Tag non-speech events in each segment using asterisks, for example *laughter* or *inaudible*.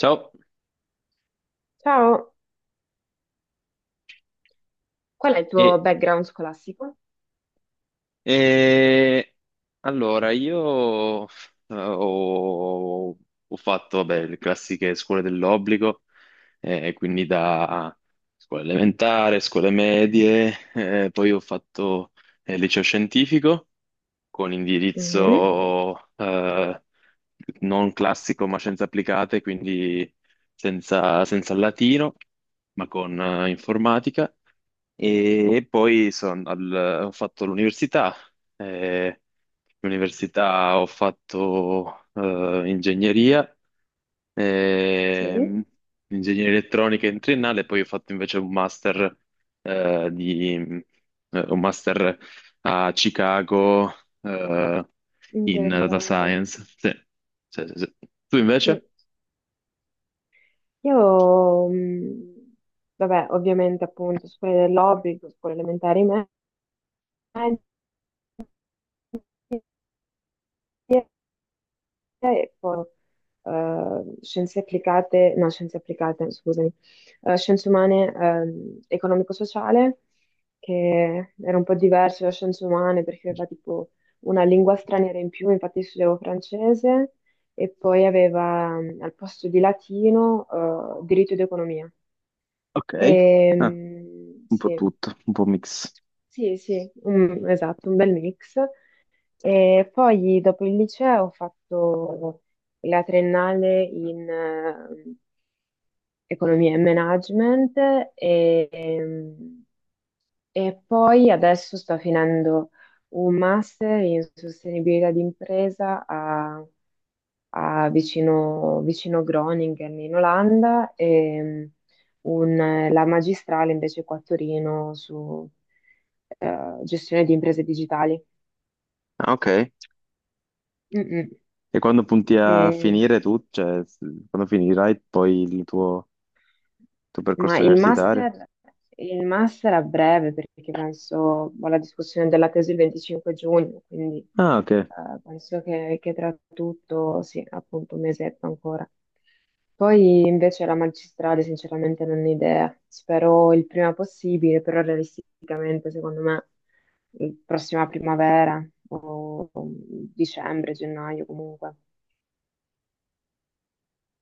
Ciao, Ciao. Qual è il tuo e, background scolastico? e- allora io ho fatto vabbè, le classiche scuole dell'obbligo, quindi da scuola elementare, scuole medie, poi ho fatto liceo scientifico con Mhm. indirizzo non classico ma scienze applicate, quindi senza latino, ma con informatica. E poi ho fatto l'università. eh, L'università ho fatto ingegneria Sì, ehm, ingegneria elettronica in triennale, poi ho fatto invece un master, un master a Chicago, eh, in data interessante. science. Sì, sì. Tu Mm. invece? Io, vabbè, ovviamente appunto scuole dell'obbligo, scuole elementari medie, ecco, scienze applicate, no, scienze applicate, scusami, scienze umane, economico-sociale, che era un po' diverso da scienze umane perché aveva tipo una lingua straniera in più, infatti studiavo francese, e poi aveva al posto di latino, diritto ed economia. Ok. E, Ah, un sì, po' tutto, un po' mix. sì, sì, esatto, un bel mix. E poi dopo il liceo ho fatto la triennale in economia e management e, ehm, e poi adesso sto finendo un master in sostenibilità d'impresa a, vicino Groningen in Olanda e la magistrale invece qua a Torino su gestione di imprese digitali. Ah, ok. Mm, mm. E quando punti a E- finire tu, quando finirai poi tuo Ma percorso universitario? Il master a breve, perché penso ho la discussione della tesi il 25 giugno, quindi Ah, ok. Penso che tra tutto, sì, appunto un mesetto ancora. Poi invece la magistrale, sinceramente, non ho idea. Spero il prima possibile, però realisticamente, secondo me, prossima primavera o dicembre, gennaio comunque.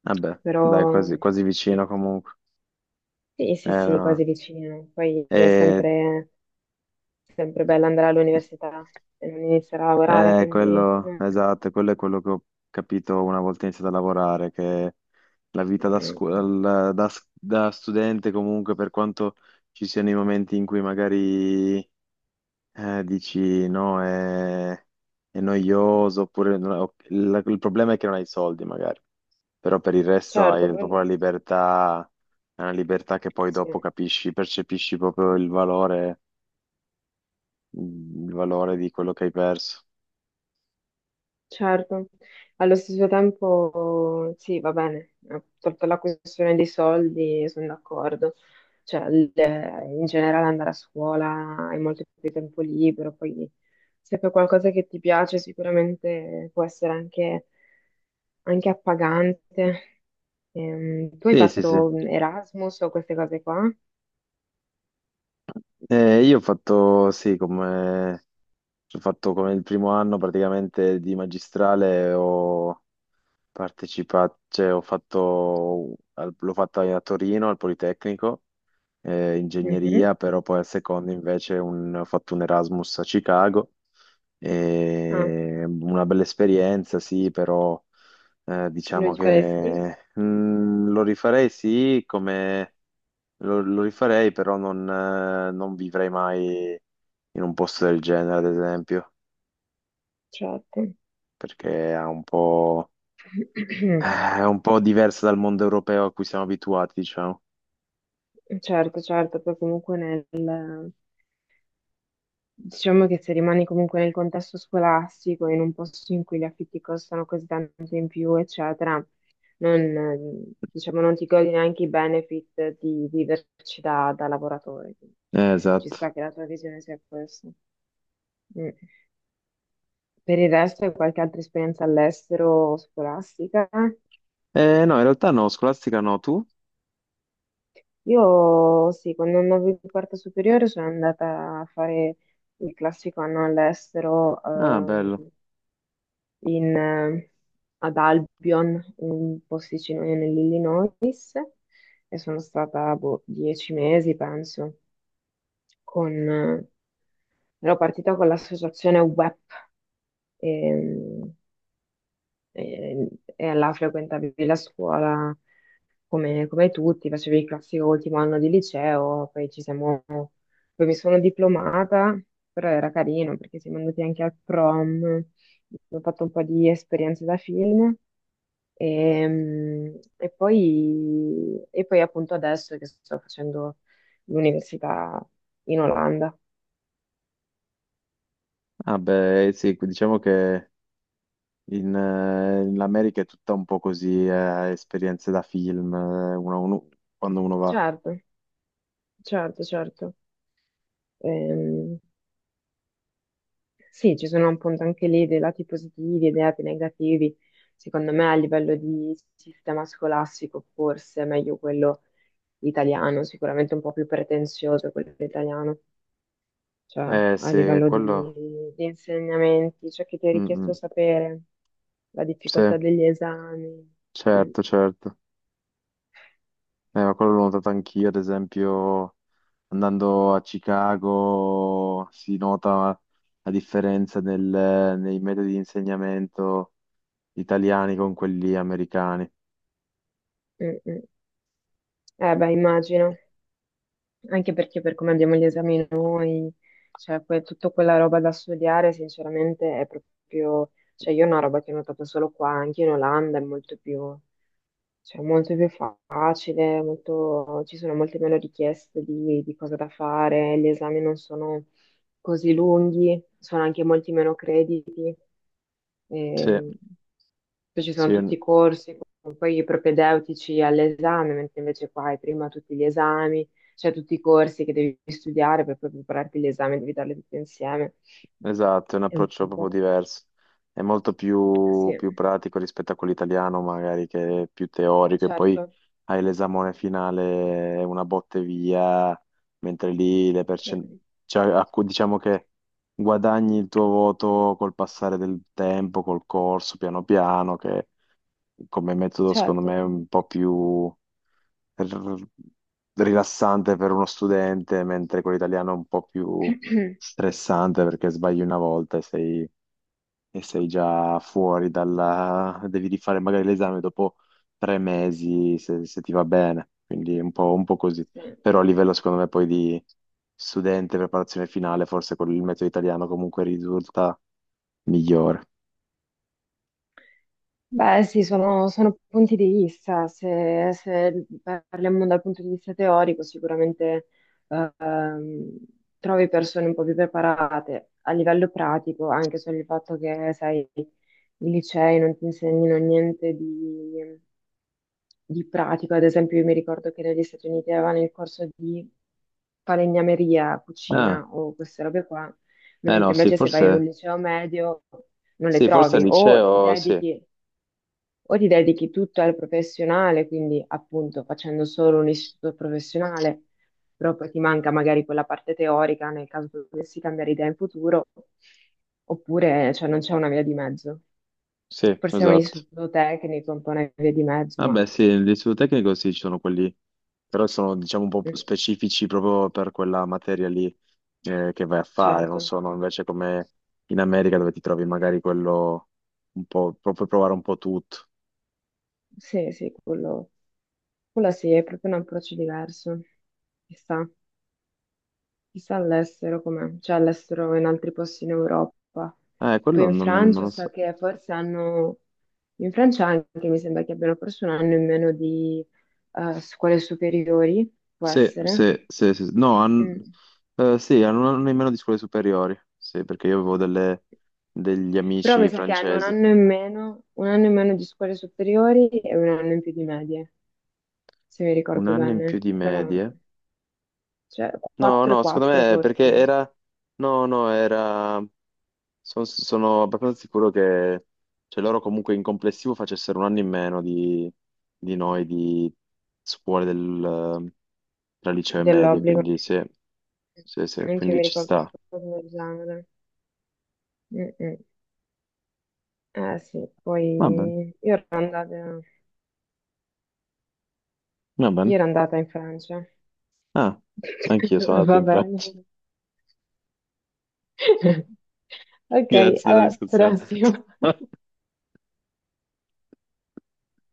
Vabbè, dai, Però quasi sì, vicino comunque. sì, sì, sì, No. quasi vicino. Poi è E sempre sempre bello andare all'università e non iniziare a lavorare, quindi quello, esatto, quello è quello che ho capito una volta iniziato a lavorare, che la vita da, mm, scu- al- da s- da studente comunque, per quanto ci siano i momenti in cui magari dici no, è noioso, oppure il problema è che non hai i soldi magari, però per il resto certo, hai proprio la quello libertà, è una libertà che poi dopo sì, capisci, percepisci proprio il valore di quello che hai perso. certo. Allo stesso tempo sì, va bene, tolta la questione dei soldi, sono d'accordo. Cioè, in generale andare a scuola hai molto più tempo libero, poi se fai qualcosa che ti piace sicuramente può essere anche, anche appagante. Tu hai Sì, sì. fatto Erasmus o queste cose qua? Io ho fatto, sì, come, ho fatto come il primo anno praticamente di magistrale, ho partecipato, cioè ho fatto, l'ho fatta a Torino al Politecnico, Mhm. ingegneria, però poi al secondo invece ho fatto un Erasmus a Chicago, Ah, e una bella esperienza, sì, però lo diciamo faresti? che lo rifarei, sì, come lo rifarei, però non vivrei mai in un posto del genere, ad esempio, Certo. perché *clears throat* è un po' diverso dal mondo europeo a cui siamo abituati, diciamo. Certo, certo, poi comunque nel, diciamo che se rimani comunque nel contesto scolastico, in un posto in cui gli affitti costano così tanto in più, eccetera, non, diciamo, non ti godi neanche i benefit di viverci da, da lavoratore. Quindi ci Esatto. sta che la tua visione sia questa. Mm. Per il resto, hai qualche altra esperienza all'estero scolastica? No, in realtà no, scolastica no, tu? Io sì, quando andavo in quarta superiore sono andata a fare il classico anno all'estero Ah, bello. in, ad Albion, un posticino nell'Illinois, e sono stata boh, 10 mesi, penso, con... ero partita con l'associazione WEP, ehm, e, e là frequentavi la scuola come, come tutti, facevi il classico ultimo anno di liceo, poi ci siamo, poi mi sono diplomata, però era carino perché siamo andati anche al prom, ho fatto un po' di esperienze da film. E, e poi appunto adesso che sto facendo l'università in Olanda. Ah, beh, sì, diciamo che in America è tutta un po' così, esperienze da film, quando uno va. Certo, certo, certo. Ehm, Sì, ci sono appunto anche lì dei lati positivi e dei lati negativi. Secondo me a livello di sistema scolastico forse è meglio quello italiano, sicuramente un po' più pretenzioso quello italiano, cioè a Sì, livello quello... di insegnamenti, ciò che ti è Mm, richiesto mm. sapere, la Sì, difficoltà degli esami. Mm, certo, certo. Ma quello l'ho notato anch'io, ad esempio, andando a Chicago si nota la differenza nei metodi di insegnamento italiani con quelli americani. mm, mm. Eh beh, immagino. Anche perché per come abbiamo gli esami noi, cioè tutta quella roba da studiare, sinceramente, è proprio, cioè io è una roba che ho notato solo qua, anche in Olanda è molto più, cioè, molto più facile, ci sono molte meno richieste di cosa da fare, gli esami non sono così lunghi, sono anche molti meno crediti, Sì, e poi ci sono sì. tutti i corsi, con poi i propedeutici all'esame, mentre invece qua hai prima tutti gli esami, cioè tutti i corsi che devi studiare per poi prepararti l'esame, devi darli tutti insieme. Esatto, è un È un approccio proprio po', diverso. È molto più, sì, più pratico rispetto a quello italiano, magari che è più teorico, e poi certo, hai l'esamone finale, è una botte via, mentre lì le sì, percen- cioè, a cui- diciamo che guadagni il tuo voto col passare del tempo, col corso, piano piano, che come metodo secondo me certo. è un po' più r- rilassante per uno studente, mentre quello italiano è un po' più *clears throat* stressante perché sbagli una volta e sei già fuori dalla... devi rifare magari l'esame dopo 3 mesi se, se ti va bene, quindi è un po' così. Sì. Però a livello secondo me poi di studente, preparazione finale, forse con il metodo italiano comunque risulta migliore. Beh, sì, sono, sono punti di vista. Se, se parliamo dal punto di vista teorico, sicuramente ehm, trovi persone un po' più preparate. A livello pratico, anche solo il fatto che, sai, i licei non ti insegnino niente di, di pratico. Ad esempio, io mi ricordo che negli Stati Uniti avevano il corso di falegnameria, cucina Ah, o queste robe qua, eh no, mentre invece se vai in un liceo medio non le sì, forse al trovi, liceo, sì, o ti dedichi tutto al professionale, quindi appunto facendo solo un istituto professionale, però poi ti manca magari quella parte teorica nel caso tu dovessi cambiare idea in futuro, oppure cioè, non c'è una via di mezzo. sì, Forse è un esatto. istituto tecnico, un po' una via di mezzo, ma Vabbè, sì, l'istituto tecnico sì, ci sono quelli, però sono diciamo un po' mm, specifici proprio per quella materia lì che vai a fare, non certo, sono invece come in America dove ti trovi magari quello un po', puoi provare un po' tutto. sì, sì, quello sì, è proprio un approccio diverso, chissà. Chissà all'estero com'è, cioè all'estero in altri posti in Europa. Tipo Quello in non, non Francia lo so so. che forse hanno, in Francia anche mi sembra che abbiano forse 1 anno in meno di scuole superiori, può Sì, essere. Sì. no, han- Mm. Sì, hanno un anno in meno di scuole superiori, sì, perché io avevo degli Però amici mi sa che hanno un francesi, anno in meno, 1 anno in meno di scuole superiori e 1 anno in più di medie, se mi un ricordo anno in più bene. di Però, medie. cioè, No, 4 e no, secondo 4 me è perché forse, era... No, no, era. Sono abbastanza sicuro che cioè, loro comunque in complessivo facessero un anno in meno di noi, di scuole del, tra liceo e medie, dell'obbligo. quindi sì, sì, Anche io quindi mi ci ricordo una sta. cosa del genere. Mm, mm. Eh sì, Va bene, poi va bene. io ero andata in Francia. Ah, anch'io sono *laughs* andato Va in bene. Francia. *laughs* *laughs* Ok, Grazie della alla discussione. prossima. *laughs*